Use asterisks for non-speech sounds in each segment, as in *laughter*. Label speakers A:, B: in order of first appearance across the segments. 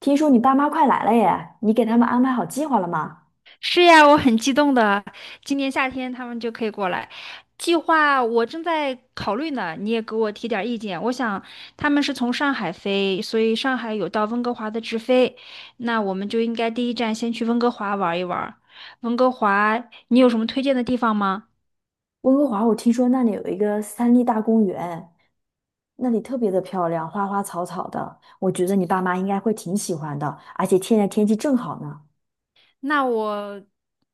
A: 听说你爸妈快来了耶，你给他们安排好计划了吗？
B: 是呀，我很激动的，今年夏天他们就可以过来。计划我正在考虑呢，你也给我提点儿意见。我想他们是从上海飞，所以上海有到温哥华的直飞，那我们就应该第一站先去温哥华玩一玩。温哥华，你有什么推荐的地方吗？
A: 温哥华，我听说那里有一个三立大公园，那里特别的漂亮，花花草草的，我觉得你爸妈应该会挺喜欢的，而且现在天气正好呢。
B: 那我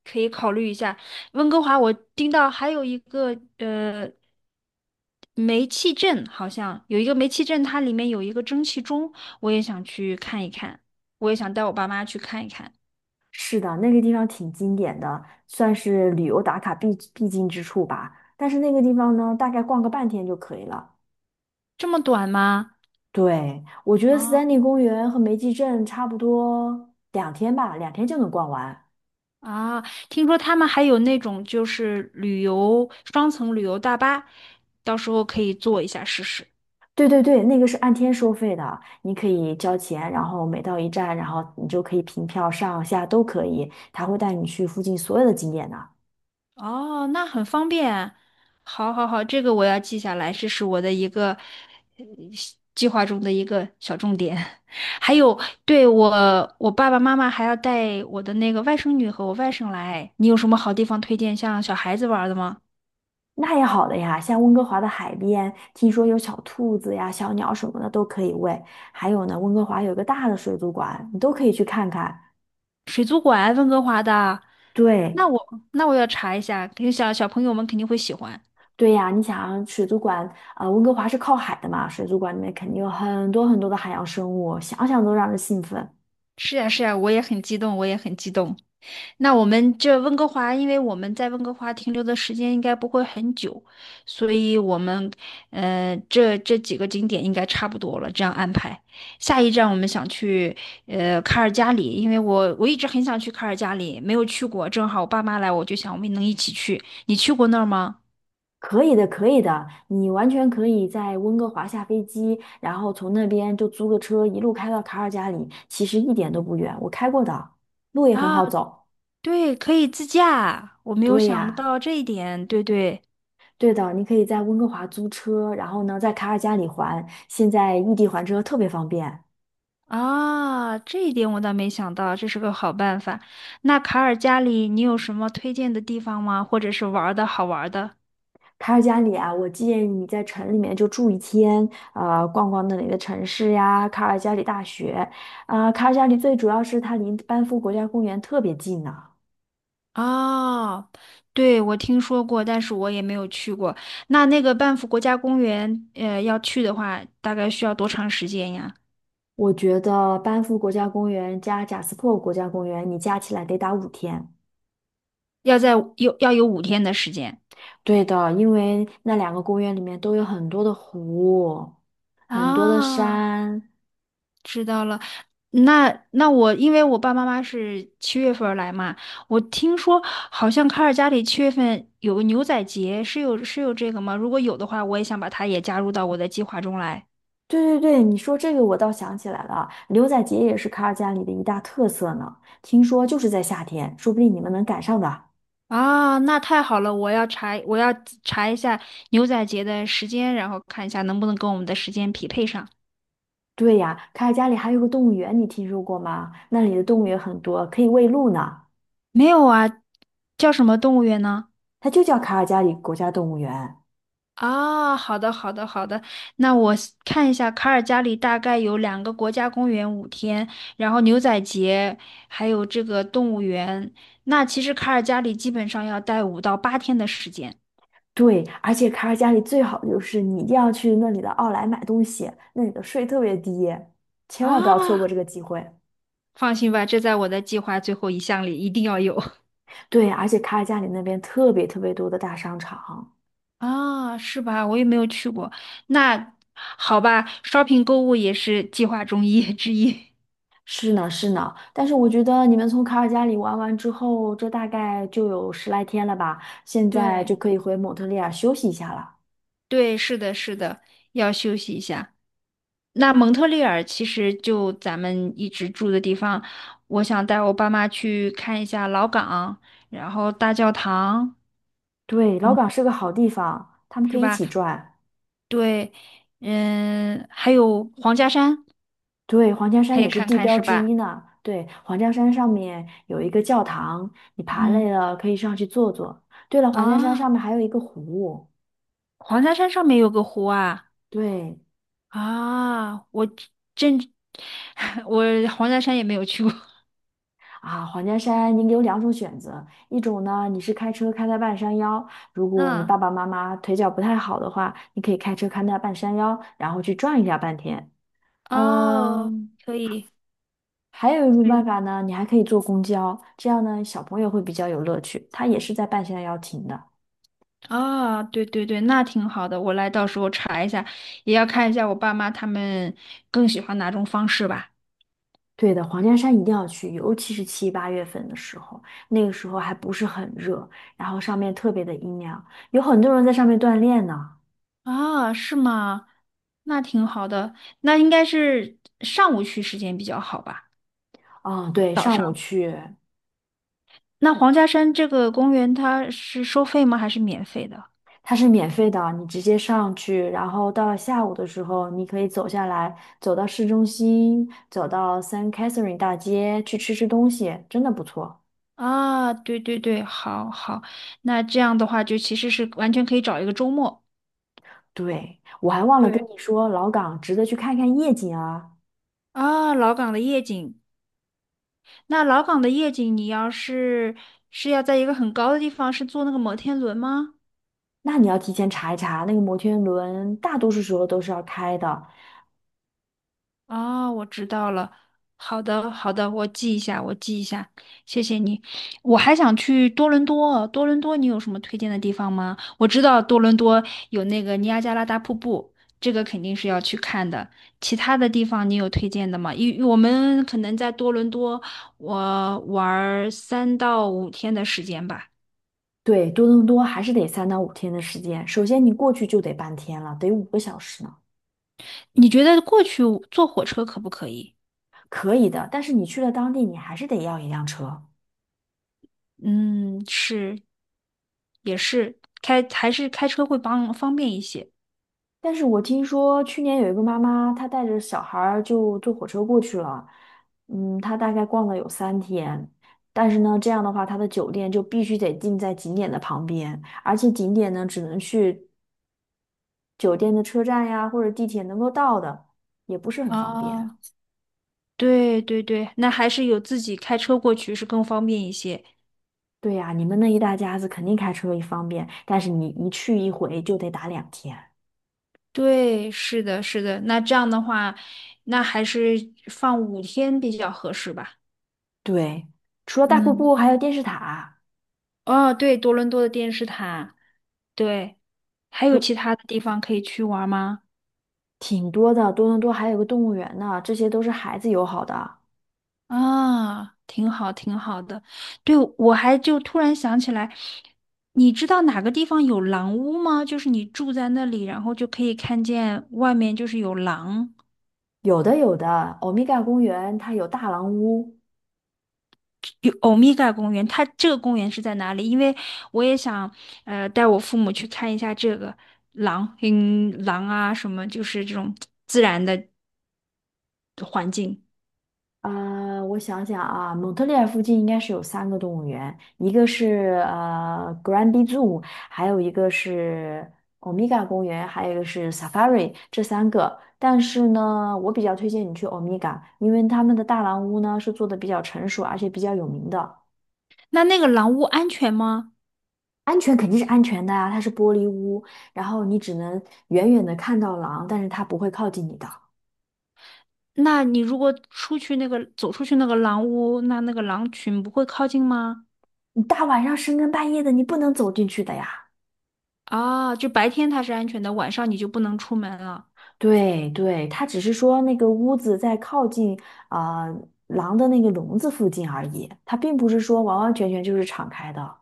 B: 可以考虑一下。温哥华，我听到还有一个煤气镇，好像有一个煤气镇，它里面有一个蒸汽钟，我也想去看一看，我也想带我爸妈去看一看。
A: 是的，那个地方挺经典的，算是旅游打卡必经之处吧。但是那个地方呢，大概逛个半天就可以了。
B: 这么短吗？
A: 对，我觉得三丹
B: 哦
A: 利公园和梅基镇差不多两天吧，两天就能逛完。
B: 啊，听说他们还有那种就是旅游双层旅游大巴，到时候可以坐一下试试。
A: 对对对，那个是按天收费的，你可以交钱，然后每到一站，然后你就可以凭票上下都可以，他会带你去附近所有的景点的。
B: 哦，那很方便。好，好，好，这个我要记下来，这是我的一个。计划中的一个小重点。*laughs* 还有，对，我爸爸妈妈还要带我的那个外甥女和我外甥来。你有什么好地方推荐，像小孩子玩的吗？
A: 那也好的呀，像温哥华的海边，听说有小兔子呀、小鸟什么的都可以喂，还有呢，温哥华有个大的水族馆，你都可以去看看。
B: 水族馆，温哥华的。
A: 对
B: 那我要查一下，肯定小朋友们肯定会喜欢。
A: 对呀，你想水族馆，温哥华是靠海的嘛，水族馆里面肯定有很多很多的海洋生物，想想都让人兴奋。
B: 是呀，是呀，我也很激动，我也很激动。那我们这温哥华，因为我们在温哥华停留的时间应该不会很久，所以我们，这几个景点应该差不多了，这样安排。下一站我们想去，卡尔加里，因为我一直很想去卡尔加里，没有去过，正好我爸妈来，我就想我们能一起去。你去过那儿吗？
A: 可以的，可以的，你完全可以在温哥华下飞机，然后从那边就租个车一路开到卡尔加里，其实一点都不远，我开过的，路也很
B: 啊，
A: 好走。
B: 对，可以自驾，我没有
A: 对
B: 想
A: 呀，
B: 到这一点，对对。
A: 对的，你可以在温哥华租车，然后呢，在卡尔加里还，现在异地还车特别方便。
B: 啊，这一点我倒没想到，这是个好办法。那卡尔加里，你有什么推荐的地方吗？或者是玩儿的好玩儿的？
A: 卡尔加里啊，我建议你在城里面就住一天，逛逛那里的城市呀，卡尔加里大学，卡尔加里最主要是它离班夫国家公园特别近呢、
B: 哦，对，我听说过，但是我也没有去过。那个 BA 国家公园，要去的话，大概需要多长时间呀？
A: 我觉得班夫国家公园加贾斯珀国家公园，你加起来得打五天。
B: 要在有要有五天的时间
A: 对的，因为那两个公园里面都有很多的湖，很多的
B: 啊。
A: 山。
B: 知道了，那我因为我爸妈是7月份儿来嘛，我听说好像卡尔加里七月份有个牛仔节，是有这个吗？如果有的话，我也想把它也加入到我的计划中来。
A: 对对对，你说这个我倒想起来了，牛仔节也是卡尔加里的一大特色呢。听说就是在夏天，说不定你们能赶上的。
B: 啊，那太好了，我要查一下牛仔节的时间，然后看一下能不能跟我们的时间匹配上。
A: 对呀，卡尔加里还有个动物园，你听说过吗？那里的动物也很多，可以喂鹿呢。
B: 没有啊，叫什么动物园呢？
A: 它就叫卡尔加里国家动物园。
B: 啊，好的，好的，好的。那我 看一下，卡尔加里大概有2个国家公园五天，然后牛仔节，还有这个动物园。那其实卡尔加里基本上要待5到8天的时间。
A: 对，而且卡尔加里最好的就是你一定要去那里的奥莱买东西，那里的税特别低，千万不要错过
B: 啊，
A: 这个机会。
B: 放心吧，这在我的计划最后一项里一定要有。*laughs*
A: 对，而且卡尔加里那边特别特别多的大商场。
B: 啊，是吧？我也没有去过。那好吧，shopping 购物也是计划中之一。
A: 是呢，是呢，但是我觉得你们从卡尔加里玩完之后，这大概就有10来天了吧，现
B: *laughs*
A: 在就
B: 对，
A: 可以回蒙特利尔休息一下了。
B: 对，是的，是的，要休息一下。那蒙特利尔其实就咱们一直住的地方，我想带我爸妈去看一下老港，然后大教堂，
A: 对，老
B: 嗯，
A: 港是个好地方，他们可
B: 是
A: 以一
B: 吧？
A: 起转。
B: 对，嗯，还有黄家山
A: 对，黄家山
B: 可
A: 也
B: 以
A: 是
B: 看
A: 地
B: 看，
A: 标
B: 是
A: 之
B: 吧？
A: 一呢。对，黄家山上面有一个教堂，你爬累
B: 嗯，
A: 了可以上去坐坐。对了，黄家山
B: 啊，
A: 上面还有一个湖。
B: 黄家山上面有个湖啊，
A: 对
B: 啊，我真，*laughs* 我黄家山也没有去过，
A: 啊，黄家山你有两种选择，一种呢你是开车开到半山腰，如
B: *laughs*
A: 果你
B: 嗯，
A: 爸爸妈妈腿脚不太好的话，你可以开车开到半山腰，然后去转一下半天。
B: 哦，
A: 嗯，
B: 可以。
A: 还有一种
B: 对。
A: 办法呢，你还可以坐公交，这样呢小朋友会比较有乐趣，他也是在半山腰停的。
B: 啊，对对对，那挺好的，我来到时候查一下，也要看一下我爸妈他们更喜欢哪种方式吧。
A: 对的，黄家山一定要去，尤其是七八月份的时候，那个时候还不是很热，然后上面特别的阴凉，有很多人在上面锻炼呢。
B: 啊，是吗？那挺好的，那应该是上午去时间比较好吧？
A: 嗯，对，上午去，
B: 那黄家山这个公园它是收费吗？还是免费的？
A: 它是免费的，你直接上去，然后到了下午的时候，你可以走下来，走到市中心，走到 San Catherine 大街去吃吃东西，真的不错。
B: 啊，对对对，好好，那这样的话就其实是完全可以找一个周末。
A: 对，我还忘了跟
B: 对
A: 你说，老港值得去看看夜景啊。
B: 啊，老港的夜景那老港的夜景，你要是是要在一个很高的地方，是坐那个摩天轮吗？
A: 那你要提前查一查，那个摩天轮大多数时候都是要开的。
B: 哦，我知道了。好的，好的，我记一下，我记一下，谢谢你。我还想去多伦多，多伦多你有什么推荐的地方吗？我知道多伦多有那个尼亚加拉大瀑布，这个肯定是要去看的。其他的地方你有推荐的吗？因我们可能在多伦多，我玩儿3到5天的时间吧。
A: 对，多伦多还是得3到5天的时间。首先，你过去就得半天了，得5个小时呢，
B: 你觉得过去坐火车可不可以？
A: 可以的。但是你去了当地，你还是得要一辆车。
B: 嗯，是，也是，开还是开车会帮方便一些。
A: 但是我听说去年有一个妈妈，她带着小孩儿就坐火车过去了，她大概逛了有3天。但是呢，这样的话，她的酒店就必须得定在景点的旁边，而且景点呢，只能去酒店的车站呀或者地铁能够到的，也不是很方便。
B: 啊，对对对，那还是有自己开车过去是更方便一些。
A: 对呀，你们那一大家子肯定开车也方便，但是你一去一回就得打两天。
B: 对，是的，是的。那这样的话，那还是放五天比较合适吧。
A: 对，除了大瀑布，
B: 嗯，
A: 还有电视塔，
B: 哦，对，多伦多的电视塔，对，还有
A: 如
B: 其他的地方可以去玩吗？
A: 挺多的。多伦多还有个动物园呢，这些都是孩子友好的。
B: 啊，挺好，挺好的。对，我还就突然想起来，你知道哪个地方有狼屋吗？就是你住在那里，然后就可以看见外面就是有狼。
A: 有的有的，欧米伽公园它有大狼屋，
B: 有欧米伽公园，它这个公园是在哪里？因为我也想，带我父母去看一下这个狼，嗯，狼啊，什么就是这种环境。
A: 我想想啊，蒙特利尔附近应该是有三个动物园，一个是Granby Zoo，还有一个是 Omega 公园，还有一个是 Safari，这三个。但是呢，我比较推荐你去 Omega，因为他们的大狼屋呢是做的比较成熟，而且比较有名的。
B: 那个狼屋安全吗？
A: 安全肯定是安全的啊，它是玻璃屋，然后你只能远远的看到狼，但是它不会靠近你的。
B: 那你如果出去那个走出去那个狼屋，那个狼群不会靠近吗？
A: 你大晚上深更半夜的，你不能走进去的呀。
B: 啊，就白天它是安全的，晚上你就不能出门了。
A: 对对，他只是说那个屋子在靠近狼的那个笼子附近而已，它并不是说完完全全就是敞开的。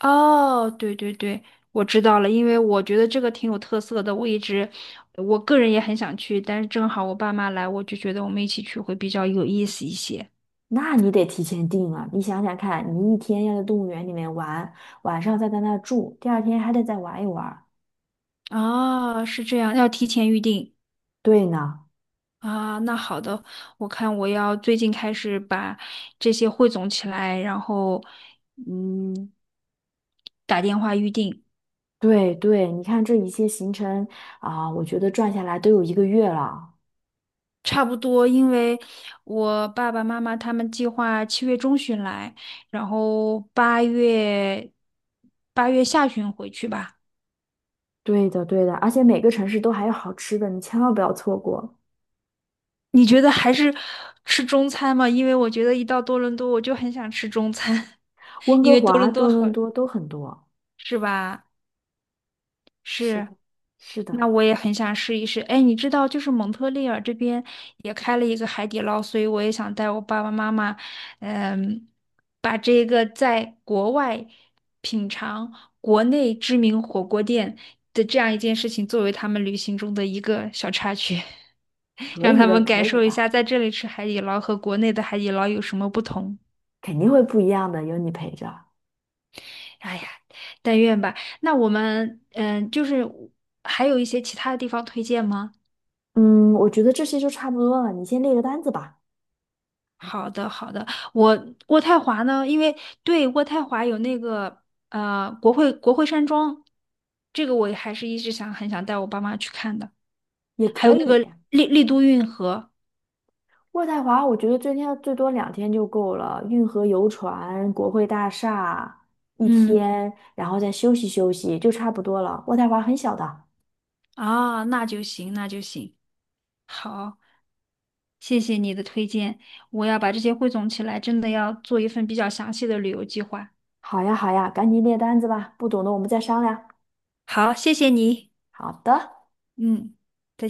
B: 哦，对对对，我知道了，因为我觉得这个挺有特色的，我一直，我个人也很想去，但是正好我爸妈来，我就觉得我们一起去会比较有意思一些。
A: 那你得提前定啊！你想想看，你一天要在动物园里面玩，晚上再在那儿住，第二天还得再玩一玩。
B: 啊，是这样，要提前预定
A: 对呢，
B: 啊。那好的，我看我要最近开始把这些汇总起来，然后嗯，打电话预定。
A: 对对，你看这一些行程我觉得转下来都有一个月了。
B: 差不多，因为我爸爸妈妈他们计划7月中旬来，然后八月下旬回去吧。
A: 对的对的，而且每个城市都还有好吃的，你千万不要错过。
B: 你觉得还是吃中餐吗？因为我觉得一到多伦多，我就很想吃中餐，
A: 温哥
B: *laughs* 多
A: 华、
B: 伦多
A: 多
B: 好，
A: 伦多都很多。
B: 是吧？
A: 是
B: 是。
A: 的，是的。
B: 那我也很想试一试。哎，你知道，就是蒙特利尔这边也开了一个海底捞，所以我也想带我爸爸妈妈，嗯，把这个在国外品尝国内知名火锅店的这样一件事情，作为他们旅行中的一个小插曲，*laughs*
A: 可
B: 让
A: 以
B: 他
A: 的，
B: 们感
A: 可以
B: 受一
A: 的，
B: 下在这里吃海底捞和国内的海底捞有什么不同。
A: 肯定会不一样的，有你陪着。
B: 哎呀，但愿吧。那我们，嗯，就是还有一些其他的地方推荐吗？
A: 嗯，我觉得这些就差不多了，你先列个单子吧，
B: 好的，好的。我渥太华呢，因为对渥太华有那个国会山庄，这个我还是一直想很想带我爸妈去看的。
A: 也
B: 还有
A: 可
B: 那个
A: 以。
B: 丽都运河，
A: 渥太华，我觉得最多两天就够了，运河游船、国会大厦一
B: 嗯
A: 天，然后再休息休息，就差不多了。渥太华很小的。
B: 啊，那就行，那就行。好，谢谢你的推荐，我要把这些汇总起来，真的要做一份比较详细的旅游计划。
A: 好呀，好呀，赶紧列单子吧，不懂的我们再商量。
B: 好，谢谢你，
A: 好的。
B: 嗯。再见